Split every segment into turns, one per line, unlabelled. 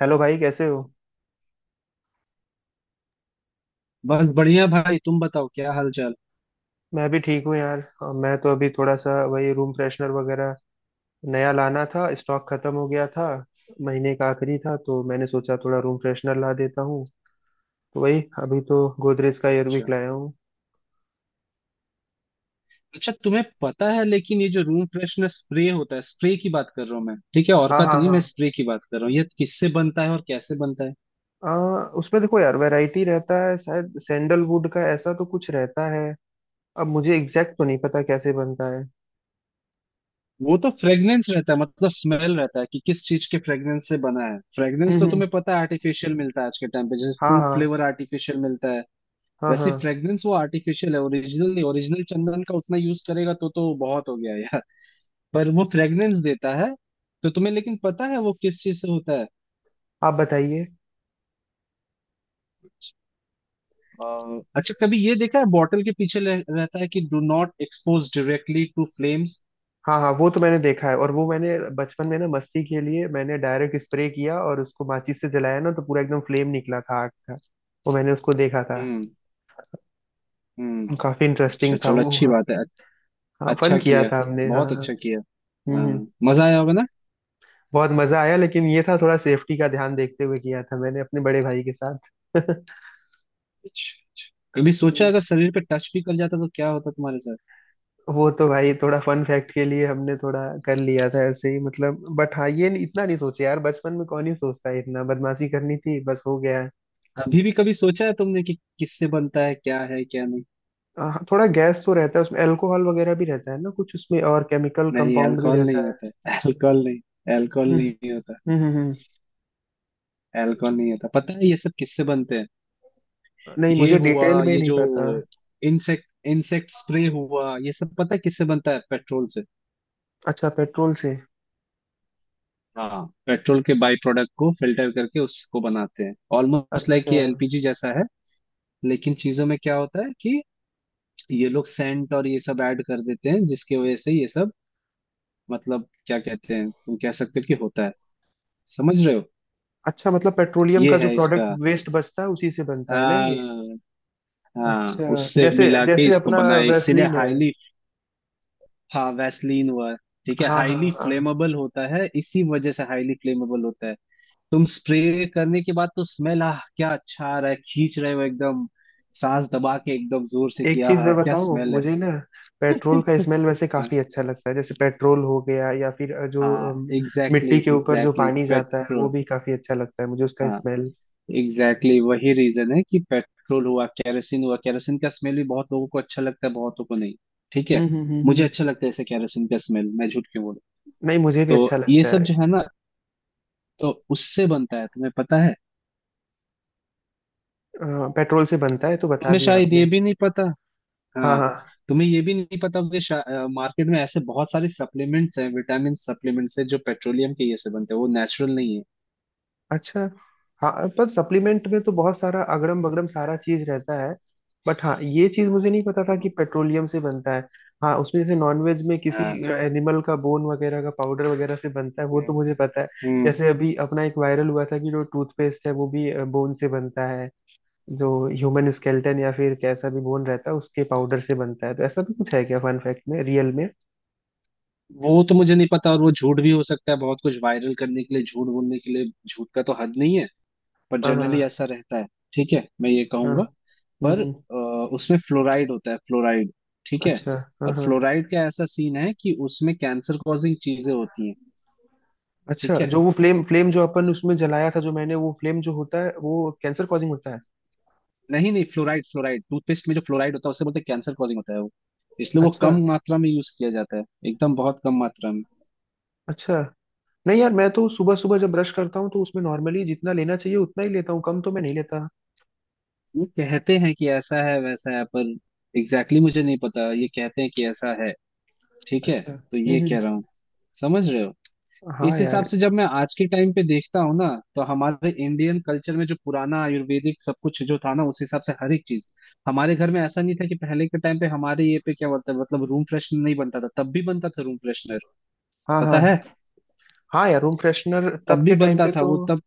Hello भाई, कैसे हो।
बस बढ़िया भाई। तुम बताओ, क्या हाल चाल?
मैं भी ठीक हूँ यार। मैं तो अभी थोड़ा सा वही रूम फ्रेशनर वगैरह नया लाना था, स्टॉक खत्म हो गया था। महीने का आखिरी था तो मैंने सोचा थोड़ा रूम फ्रेशनर ला देता हूँ, तो वही अभी तो गोदरेज का एयरविक
अच्छा
लाया हूँ।
अच्छा, तुम्हें पता है लेकिन ये जो रूम फ्रेशनर स्प्रे होता है, स्प्रे की बात कर रहा हूँ मैं, ठीक है? और
हाँ
का तो
हाँ
नहीं,
हाँ।
मैं स्प्रे की बात कर रहा हूँ, ये किससे बनता है और कैसे बनता है?
उसमें देखो यार, वैरायटी रहता है। शायद सैंडलवुड का ऐसा तो कुछ रहता है। अब मुझे एग्जैक्ट तो नहीं पता कैसे बनता है।
वो तो फ्रेग्रेंस रहता है, मतलब स्मेल रहता है कि किस चीज के फ्रेग्रेंस से बना है।
हम्म
फ्रेग्रेंस तो
हम्म।
तुम्हें पता है आर्टिफिशियल मिलता है आज के टाइम पे, जैसे
हाँ
फूड
हाँ
फ्लेवर आर्टिफिशियल मिलता है,
हाँ।
वैसे
हाँ,
फ्रेग्रेंस वो आर्टिफिशियल है, ओरिजिनल नहीं। ओरिजिनल चंदन का उतना यूज करेगा तो बहुत हो गया यार। पर वो फ्रेग्रेंस देता है। तो तुम्हें लेकिन पता है वो किस चीज से होता है?
आप बताइए।
अच्छा कभी ये देखा है बॉटल के पीछे रहता है कि do not expose directly to flames.
हाँ हाँ, वो तो मैंने देखा है। और वो मैंने बचपन में ना मस्ती के लिए मैंने डायरेक्ट स्प्रे किया और उसको माचिस से जलाया ना, तो पूरा एकदम फ्लेम निकला था आग का। वो मैंने उसको देखा था।
हम्म हम्म।
काफी
अच्छा,
इंटरेस्टिंग था
चलो
वो,
अच्छी
हाँ।
बात है।
हाँ, फन
अच्छा
किया
किया,
था हमने, हाँ
बहुत
हाँ।
अच्छा किया।
हम्म हम्म।
हाँ, मजा आया होगा ना।
बहुत मजा आया, लेकिन ये था थोड़ा सेफ्टी का ध्यान देखते हुए किया था मैंने, अपने बड़े भाई के साथ।
अच्छा अच्छा। कभी सोचा
हम्म,
अगर शरीर पे टच भी कर जाता तो क्या होता तुम्हारे साथ?
वो तो भाई थोड़ा फन फैक्ट के लिए हमने थोड़ा कर लिया था ऐसे ही। मतलब बट हाँ, ये नहीं- इतना नहीं सोचे यार, बचपन में कौन ही सोचता है इतना। बदमाशी करनी थी, बस हो गया।
अभी भी कभी सोचा है तुमने कि किससे बनता है, क्या है क्या नहीं?
हाँ, थोड़ा गैस तो रहता है उसमें, अल्कोहल वगैरह भी रहता है ना कुछ उसमें, और केमिकल
नहीं,
कंपाउंड भी
अल्कोहल नहीं
रहता है।
होता है अल्कोहल नहीं, अल्कोहल
हम्म
नहीं होता।
हम्म हम्म हम्म।
अल्कोहल नहीं होता। पता है ये सब किससे बनते हैं?
नहीं,
ये
मुझे
हुआ,
डिटेल में
ये
नहीं
जो
पता।
इंसेक्ट इंसेक्ट स्प्रे हुआ, ये सब पता है किससे बनता है? पेट्रोल से।
अच्छा, पेट्रोल से।
हाँ, पेट्रोल के बाई प्रोडक्ट को फिल्टर करके उसको बनाते हैं। ऑलमोस्ट लाइक
अच्छा,
ये एलपीजी जैसा है। लेकिन चीजों में क्या होता है कि ये लोग सेंट और ये सब ऐड कर देते हैं, जिसकी वजह से ये सब मतलब क्या कहते हैं, तुम कह सकते हो कि होता है। समझ रहे हो?
अच्छा मतलब पेट्रोलियम
ये
का जो
है
प्रोडक्ट
इसका।
वेस्ट बचता है उसी से बनता है ना
हाँ।
ये।
हाँ,
अच्छा,
उससे
जैसे
मिला के
जैसे
इसको
अपना
बनाए, इसीलिए
वैसलीन है।
हाईली। हाँ, वैसलीन हुआ। ठीक है,
हाँ हाँ
हाईली
हाँ।
फ्लेमेबल होता है, इसी वजह से हाईली फ्लेमेबल होता है। तुम स्प्रे करने के बाद तो स्मेल आह क्या अच्छा आ रहा है, खींच रहे हो एकदम, सांस दबा के एकदम जोर से
एक
किया,
चीज मैं
हाँ क्या
बताऊँ,
स्मेल
मुझे ना
है!
पेट्रोल का स्मेल वैसे काफी अच्छा लगता है। जैसे पेट्रोल हो गया, या फिर जो
हाँ,
अम,
एग्जैक्टली
मिट्टी के ऊपर जो
एग्जैक्टली
पानी जाता है वो
पेट्रोल।
भी काफी अच्छा लगता है मुझे उसका
हाँ,
स्मेल।
एग्जैक्टली exactly, वही रीजन है कि पेट्रोल हुआ, kerosene हुआ। kerosene का स्मेल भी बहुत लोगों को अच्छा लगता है, बहुतों को नहीं। ठीक
हम्म
है।
हम्म हम्म
मुझे
हम्म।
अच्छा लगता है ऐसे kerosene का स्मेल, मैं झूठ क्यों बोलूं।
नहीं, मुझे भी अच्छा
तो ये
लगता
सब
है।
जो है ना, तो उससे बनता है, तुम्हें पता है?
अ, पेट्रोल से बनता है तो बता
तुम्हें
दिया
शायद ये
आपने।
भी नहीं पता।
हाँ
हाँ,
हाँ।
तुम्हें ये भी नहीं पता होगा कि मार्केट में ऐसे बहुत सारे सप्लीमेंट्स हैं, विटामिन सप्लीमेंट्स हैं जो पेट्रोलियम के ये से बनते हैं, वो नेचुरल नहीं है।
अच्छा। हाँ, पर सप्लीमेंट में तो बहुत सारा अगड़म बगड़म सारा चीज रहता है। बट हाँ, ये चीज मुझे नहीं पता था कि
हम्म।
पेट्रोलियम से बनता है। हाँ, उसमें जैसे नॉनवेज में किसी
हाँ।
एनिमल का बोन वगैरह का पाउडर वगैरह से बनता है वो
हम्म
तो मुझे पता है।
हम्म।
जैसे अभी अपना एक वायरल हुआ था कि जो टूथपेस्ट है वो भी बोन से बनता है। जो ह्यूमन स्केलेटन या फिर कैसा भी बोन रहता है उसके पाउडर से बनता है, तो ऐसा भी कुछ है क्या फन फैक्ट में, रियल में।
वो तो मुझे नहीं पता, और वो झूठ भी हो सकता है, बहुत कुछ वायरल करने के लिए झूठ बोलने के लिए, झूठ का तो हद नहीं है। पर
हाँ
जनरली
हाँ
ऐसा रहता है। ठीक है, मैं ये
हाँ।
कहूंगा।
हम्म
पर
हम्म,
उसमें फ्लोराइड होता है, फ्लोराइड। ठीक है।
अच्छा। हाँ
और
हाँ।
फ्लोराइड का ऐसा सीन है कि उसमें कैंसर कॉजिंग चीजें होती हैं।
अच्छा,
ठीक है।
जो वो फ्लेम फ्लेम जो अपन उसमें जलाया था, जो मैंने, वो फ्लेम जो होता है वो कैंसर कॉजिंग होता है।
नहीं नहीं, फ्लोराइड फ्लोराइड, टूथपेस्ट में जो फ्लोराइड होता है उसे बोलते हैं कैंसर कॉजिंग होता है वो। इसलिए वो
अच्छा।
कम मात्रा में यूज किया जाता है, एकदम बहुत कम मात्रा में।
अच्छा, नहीं यार, मैं तो सुबह सुबह जब ब्रश करता हूँ तो उसमें नॉर्मली जितना लेना चाहिए उतना ही लेता हूँ, कम तो मैं नहीं लेता।
ये कहते हैं कि ऐसा है वैसा है, पर एग्जैक्टली exactly मुझे नहीं पता, ये कहते हैं कि ऐसा है। ठीक है।
अच्छा।
तो ये कह रहा हूँ। समझ रहे हो?
हाँ
इस
यार।
हिसाब से जब मैं आज के टाइम पे देखता हूँ ना, तो हमारे इंडियन कल्चर में जो पुराना आयुर्वेदिक सब कुछ जो था ना, उस हिसाब से हर एक चीज हमारे घर में, ऐसा नहीं था कि पहले के टाइम पे हमारे ये पे क्या बोलते हैं, मतलब रूम फ्रेशनर नहीं बनता था, तब भी बनता था रूम फ्रेशनर।
हाँ
पता है?
हाँ। हाँ यार, रूम फ्रेशनर
तब
तब
भी
के टाइम
बनता
पे
था
तो
वो तब।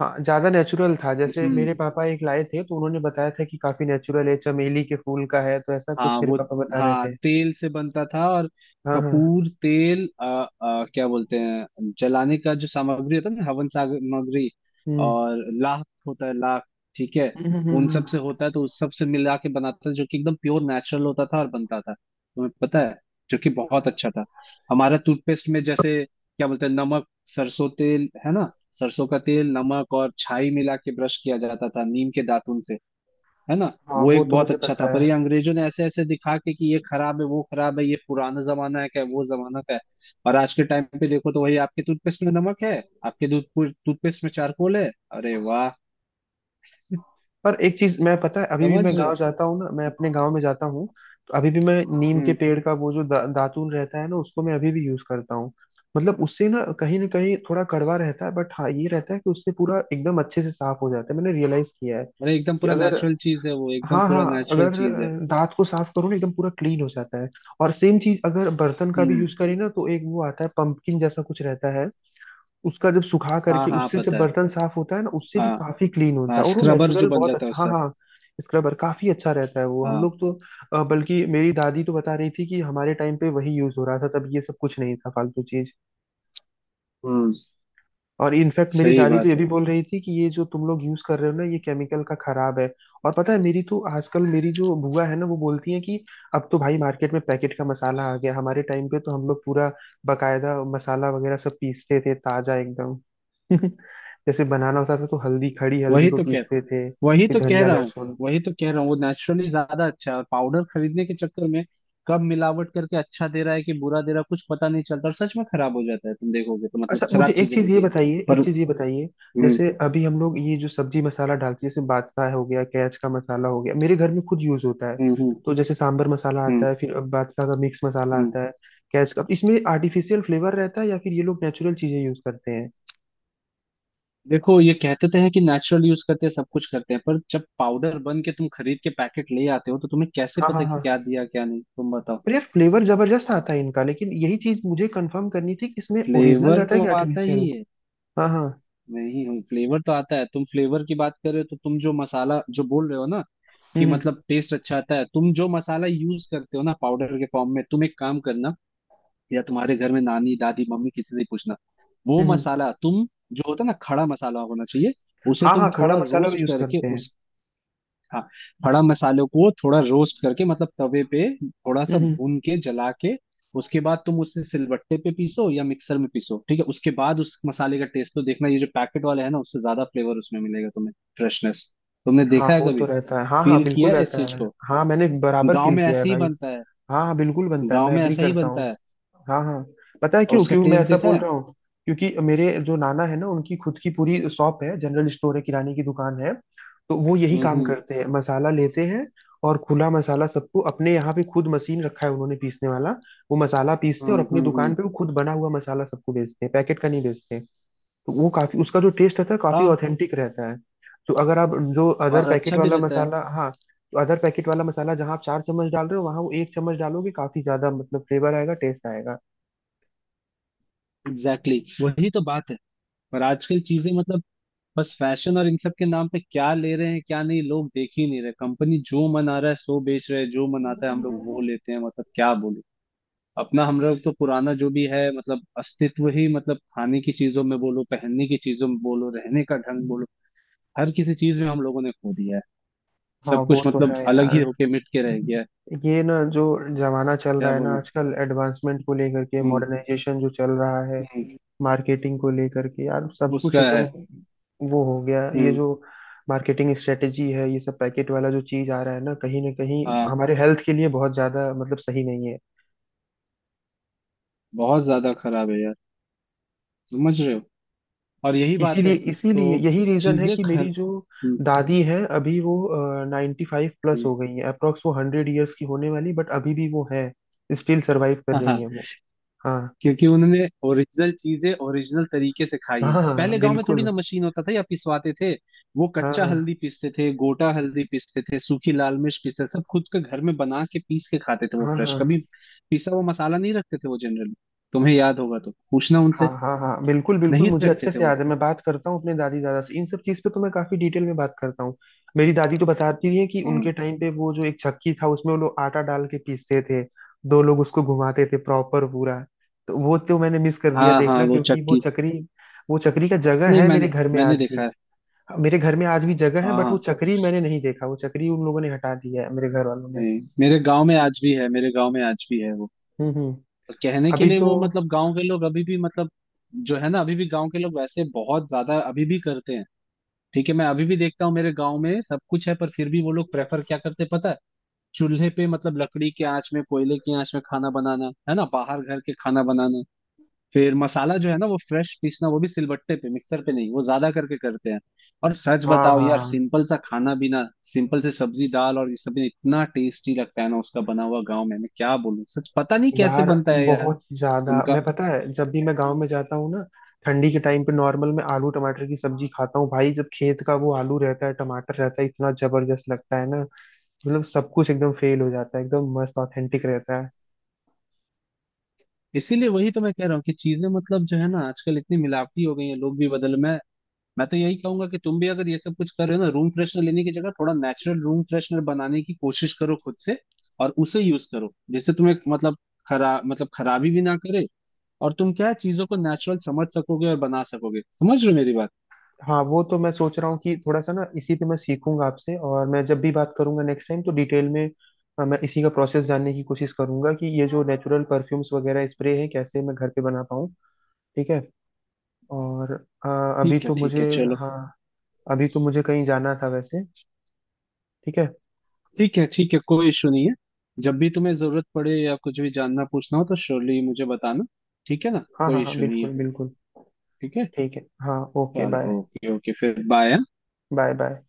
हाँ, ज्यादा नेचुरल था। जैसे
हम्म।
मेरे पापा एक लाए थे तो उन्होंने बताया था कि काफी नेचुरल है, चमेली के फूल का है, तो ऐसा कुछ
हाँ
मेरे
वो।
पापा बता रहे
हाँ
थे।
तेल से बनता था, और
हाँ हाँ।
कपूर तेल क्या बोलते हैं, जलाने का जो सामग्री होता है ना, हवन सामग्री,
हम्म
और लाख होता है, लाख। ठीक है,
हम्म हम्म,
उन
हम्म,
सब से होता है, तो उस सब से मिला के बनाता था, जो कि एकदम प्योर नेचुरल होता था, और बनता था, तुम्हें पता है, जो कि बहुत अच्छा था। हमारा टूथपेस्ट में जैसे क्या बोलते हैं, नमक, सरसों तेल है ना, सरसों का तेल नमक और छाई मिला के ब्रश किया जाता था, नीम के दातुन से, है ना।
हाँ,
वो
वो
एक
तो
बहुत
मुझे
अच्छा था,
पता है।
पर ये अंग्रेजों ने ऐसे ऐसे दिखा के कि ये खराब है वो खराब है, ये पुराना जमाना है, क्या वो जमाना का है। और आज के टाइम पे देखो तो वही आपके टूथपेस्ट में नमक है, आपके दूध टूथपेस्ट में चारकोल है। अरे वाह।
पर एक चीज, मैं पता है अभी भी
समझ
मैं
रहे हो?
गांव जाता हूँ ना, मैं अपने गांव में जाता हूँ, तो अभी भी मैं नीम के
हम्म।
पेड़ का वो जो दातून रहता है ना उसको मैं अभी भी यूज करता हूँ। मतलब उससे ना कहीं थोड़ा कड़वा रहता है, बट हाँ ये रहता है कि उससे पूरा एकदम अच्छे से साफ हो जाता है, मैंने रियलाइज किया है
अरे एकदम
कि
पूरा
अगर,
नेचुरल चीज है वो, एकदम
हाँ हाँ,
पूरा नेचुरल
अगर
चीज है।
दांत को साफ करो ना एकदम पूरा क्लीन हो जाता है। और सेम चीज अगर बर्तन का भी
हम्म।
यूज करें ना तो एक वो आता है, पंपकिन जैसा कुछ रहता है, उसका जब सुखा
हाँ
करके
हाँ
उससे जब
पता है।
बर्तन साफ होता है ना उससे भी
हाँ,
काफी क्लीन होता
हाँ
है, और वो
स्क्रबर जो
नेचुरल,
बन
बहुत
जाता है
अच्छा, हाँ
उससे।
हाँ। स्क्रबर काफी अच्छा रहता है वो, हम
हाँ।
लोग तो बल्कि मेरी दादी तो बता रही थी कि हमारे टाइम पे वही यूज हो रहा था, तब ये सब कुछ नहीं था, फालतू चीज।
हम्म।
और इनफैक्ट मेरी
सही
दादी तो ये
बात
भी
है।
बोल रही थी कि ये जो तुम लोग यूज कर रहे हो ना, ये केमिकल का खराब है। और पता है मेरी तो आजकल मेरी जो बुआ है ना वो बोलती है कि अब तो भाई मार्केट में पैकेट का मसाला आ गया। हमारे टाइम पे तो हम लोग पूरा बकायदा मसाला वगैरह सब पीसते थे, ताजा एकदम। जैसे बनाना होता था तो हल्दी, खड़ी हल्दी
वही
को
तो कहता,
पीसते थे,
वही
फिर
तो कह
धनिया,
रहा हूँ,
लहसुन।
वही तो कह रहा हूँ। वो नेचुरली ज्यादा अच्छा है, और पाउडर खरीदने के चक्कर में कब मिलावट करके अच्छा दे रहा है कि बुरा दे रहा है कुछ पता नहीं चलता, और सच में खराब हो जाता है, तुम देखोगे तो मतलब
अच्छा,
खराब
मुझे एक
चीजें
चीज
मिलती
ये
है।
बताइए,
पर
एक चीज ये बताइए।
हम्म
जैसे अभी हम लोग ये जो सब्जी मसाला डालते हैं, जैसे बादशाह हो गया, कैच का मसाला हो गया, मेरे घर में खुद यूज होता है।
हम्म हम्म
तो जैसे सांबर मसाला
हम्म
आता है, फिर बादशाह का मिक्स मसाला
हम्म।
आता है, कैच का। अब इसमें आर्टिफिशियल फ्लेवर रहता है या फिर ये लोग नेचुरल चीजें यूज करते हैं।
देखो ये कहते तो हैं कि नेचुरल यूज करते हैं, सब कुछ करते हैं, पर जब पाउडर बन के तुम खरीद के पैकेट ले आते हो तो तुम्हें कैसे
हाँ हाँ
पता कि
हाँ।
क्या दिया क्या नहीं, तुम बताओ।
पर यार फ्लेवर जबरदस्त आता है इनका, लेकिन यही चीज मुझे कंफर्म करनी थी कि इसमें ओरिजिनल
फ्लेवर
रहता है
तो
कि
आता
आर्टिफिशियल।
ही है।
हाँ हाँ।
नहीं हूँ, फ्लेवर तो आता है, तुम फ्लेवर की बात कर रहे हो तो तुम जो मसाला जो बोल रहे हो ना, कि
हम्म हम्म
मतलब टेस्ट अच्छा आता है, तुम जो मसाला यूज करते हो ना पाउडर के फॉर्म में, तुम एक काम करना, या तुम्हारे घर में नानी दादी मम्मी किसी से पूछना। वो
हम्म, हम्म।
मसाला तुम जो होता है ना, खड़ा मसाला होना चाहिए, उसे
हाँ
तुम
हाँ, खड़ा
थोड़ा
मसाला भी
रोस्ट
यूज
करके
करते हैं।
उस, हाँ खड़ा मसालों को थोड़ा रोस्ट करके मतलब तवे पे थोड़ा सा
हम्म हम्म।
भून के जला के, उसके बाद तुम उसे सिलबट्टे पे पीसो या मिक्सर में पीसो, ठीक है, उसके बाद उस मसाले का टेस्ट तो देखना, ये जो पैकेट वाला है ना उससे ज्यादा फ्लेवर उसमें मिलेगा तुम्हें, फ्रेशनेस। तुमने
हाँ,
देखा है
वो तो
कभी?
रहता है, हाँ हाँ,
फील
बिल्कुल
किया है इस
रहता
चीज
है।
को?
हाँ, मैंने बराबर
गांव
फील
में
किया है
ऐसे ही
भाई।
बनता है,
हाँ हाँ, बिल्कुल बनता है,
गांव
मैं
में
एग्री
ऐसा ही
करता
बनता
हूँ।
है।
हाँ हाँ। पता है
और
क्यों,
उसका
क्यों मैं
टेस्ट
ऐसा
देखा
बोल
है?
रहा हूँ, क्योंकि मेरे जो नाना है ना उनकी खुद की पूरी शॉप है, जनरल स्टोर है, किराने की दुकान है, तो वो यही काम
हम्म
करते हैं, मसाला लेते हैं। और खुला मसाला सबको, अपने यहाँ पे खुद मशीन रखा है उन्होंने पीसने वाला, वो मसाला पीसते हैं और अपनी दुकान
हम्म।
पे वो खुद बना हुआ मसाला सबको बेचते हैं, पैकेट का नहीं बेचते। तो वो काफी, उसका जो टेस्ट रहता है काफी
हाँ
ऑथेंटिक रहता है। तो अगर आप जो अदर
और
पैकेट
अच्छा भी
वाला
रहता है।
मसाला, हाँ, तो अदर पैकेट वाला मसाला जहाँ आप चार चम्मच डाल रहे हो, वहाँ वो एक चम्मच डालोगे काफी ज्यादा मतलब फ्लेवर आएगा, टेस्ट आएगा।
Exactly exactly. वही तो बात है। पर आजकल चीजें मतलब बस फैशन और इन सब के नाम पे क्या ले रहे हैं क्या नहीं, लोग देख ही नहीं रहे, कंपनी जो मन आ रहा है सो बेच रहे हैं, जो मन आता है हम लोग वो लेते हैं, मतलब क्या बोलूं। अपना हम लोग तो पुराना जो भी है मतलब अस्तित्व ही, मतलब खाने की चीजों में बोलो, पहनने की चीजों में बोलो, रहने का ढंग बोलो, हर किसी चीज में हम लोगों ने खो दिया है,
हाँ,
सब
वो
कुछ
तो
मतलब
है
अलग ही
यार।
होके मिट के रह गया है।
ये ना जो जमाना चल
क्या
रहा है ना
बोलूं।
आजकल, एडवांसमेंट को लेकर के,
हम्म।
मॉडर्नाइजेशन जो चल रहा है,
हम्म।
मार्केटिंग को लेकर के यार, सब कुछ
उसका
एकदम
है।
वो हो गया है। ये
हम्म।
जो मार्केटिंग स्ट्रेटेजी है, ये सब पैकेट वाला जो चीज आ रहा है ना, कहीं ना कहीं
हाँ
हमारे हेल्थ के लिए बहुत ज्यादा मतलब सही नहीं है।
बहुत ज्यादा खराब है यार। समझ रहे हो? और यही बात
इसीलिए
है,
इसीलिए
तो
यही रीजन है
चीजें
कि
खर।
मेरी जो
हम्म,
दादी है अभी, वो 95 प्लस
हम्म,
हो गई है अप्रोक्स, वो 100 ईयर्स की होने वाली, बट अभी भी वो है, स्टिल सरवाइव कर
हाँ
रही
हाँ।
है वो। हाँ
क्योंकि उन्होंने ओरिजिनल चीजें ओरिजिनल तरीके से खाई हैं,
हाँ हाँ
पहले गांव में थोड़ी
बिल्कुल।
ना मशीन होता था या पिसवाते थे, वो
हाँ
कच्चा
हाँ
हल्दी पीसते थे, गोटा हल्दी पीसते थे, सूखी लाल मिर्च पीसते थे, सब खुद के घर में बना के पीस के खाते थे वो
हाँ।
फ्रेश,
हाँ
कभी पिसा हुआ मसाला नहीं रखते थे वो जनरली। तुम्हें याद होगा तो पूछना
हाँ।
उनसे,
हाँ हाँ बिल्कुल बिल्कुल,
नहीं
मुझे
रखते
अच्छे
थे
से
वो।
याद है। मैं बात करता हूँ अपने दादी दादा से इन सब चीज़ पे, तो मैं काफी डिटेल में बात करता हूँ। मेरी दादी तो बताती है कि
हम्म।
उनके टाइम पे वो जो एक चक्की था, उसमें वो लोग आटा डाल के पीसते थे, दो लोग उसको घुमाते थे प्रॉपर पूरा। तो वो तो मैंने मिस कर दिया
हाँ हाँ
देखना,
वो
क्योंकि वो
चक्की।
चक्री, वो चक्री का जगह
नहीं
है मेरे
मैंने
घर में
मैंने
आज
देखा
भी,
है।
मेरे घर में आज भी जगह है,
हाँ
बट वो
हाँ।
चक्री मैंने नहीं देखा, वो चक्री उन लोगों ने हटा दिया है मेरे घर वालों ने।
नहीं मेरे गांव में आज भी है, मेरे गांव में आज भी है वो।
हम्म।
तो कहने के
अभी
लिए
तो,
वो मतलब गांव के लोग अभी भी मतलब जो है ना, अभी भी गांव के लोग वैसे बहुत ज्यादा अभी भी करते हैं। ठीक है, मैं अभी भी देखता हूँ मेरे गांव में सब कुछ है, पर फिर भी वो लोग प्रेफर क्या करते हैं पता है? चूल्हे पे मतलब लकड़ी के आंच में कोयले की आंच में खाना बनाना, है ना, बाहर घर के खाना बनाना, फिर मसाला जो है ना वो फ्रेश पीसना, वो भी सिलबट्टे पे, मिक्सर पे नहीं, वो ज्यादा करके करते हैं। और सच
हाँ
बताओ
हाँ
यार,
हाँ।
सिंपल सा खाना भी ना, सिंपल से सब्जी दाल और ये सब भी इतना टेस्टी लगता है ना उसका बना हुआ गाँव में, मैं क्या बोलूं सच, पता नहीं कैसे
यार
बनता है यार
बहुत ज्यादा,
उनका।
मैं पता है जब भी मैं गांव में जाता हूँ ना, ठंडी के टाइम पे नॉर्मल मैं आलू टमाटर की सब्जी खाता हूँ भाई, जब खेत का वो आलू रहता है, टमाटर रहता है, इतना जबरदस्त लगता है ना, मतलब सब कुछ एकदम फेल हो जाता है, एकदम मस्त ऑथेंटिक रहता है।
इसीलिए वही तो मैं कह रहा हूँ कि चीजें मतलब जो है ना आजकल इतनी मिलावटी हो गई है, लोग भी बदल, मैं तो यही कहूंगा कि तुम भी अगर ये सब कुछ कर रहे हो ना, रूम फ्रेशनर लेने की जगह थोड़ा नेचुरल रूम फ्रेशनर बनाने की कोशिश करो खुद से, और उसे यूज करो, जिससे तुम्हें मतलब खराब मतलब खराबी भी ना करे, और तुम क्या है, चीजों को नेचुरल समझ सकोगे और बना सकोगे। समझ रहे हो मेरी बात?
हाँ, वो तो मैं सोच रहा हूँ कि थोड़ा सा ना इसी पे मैं सीखूंगा आपसे, और मैं जब भी बात करूंगा नेक्स्ट टाइम तो डिटेल में मैं इसी का प्रोसेस जानने की कोशिश करूंगा कि ये जो नेचुरल परफ्यूम्स वगैरह स्प्रे है कैसे मैं घर पे बना पाऊँ। ठीक है। और अ, अभी
ठीक है
तो
ठीक
मुझे
है, चलो।
हाँ, अभी तो मुझे कहीं जाना था वैसे। ठीक है।
ठीक है ठीक है, कोई इशू नहीं है। जब भी तुम्हें जरूरत पड़े या कुछ भी जानना पूछना हो तो श्योरली मुझे बताना, ठीक है ना?
हाँ हाँ
कोई
हाँ
इशू नहीं है।
बिल्कुल बिल्कुल।
ठीक है,
ठीक है हाँ, ओके, बाय।
चलो ओके ओके, फिर बाय।
Bye bye.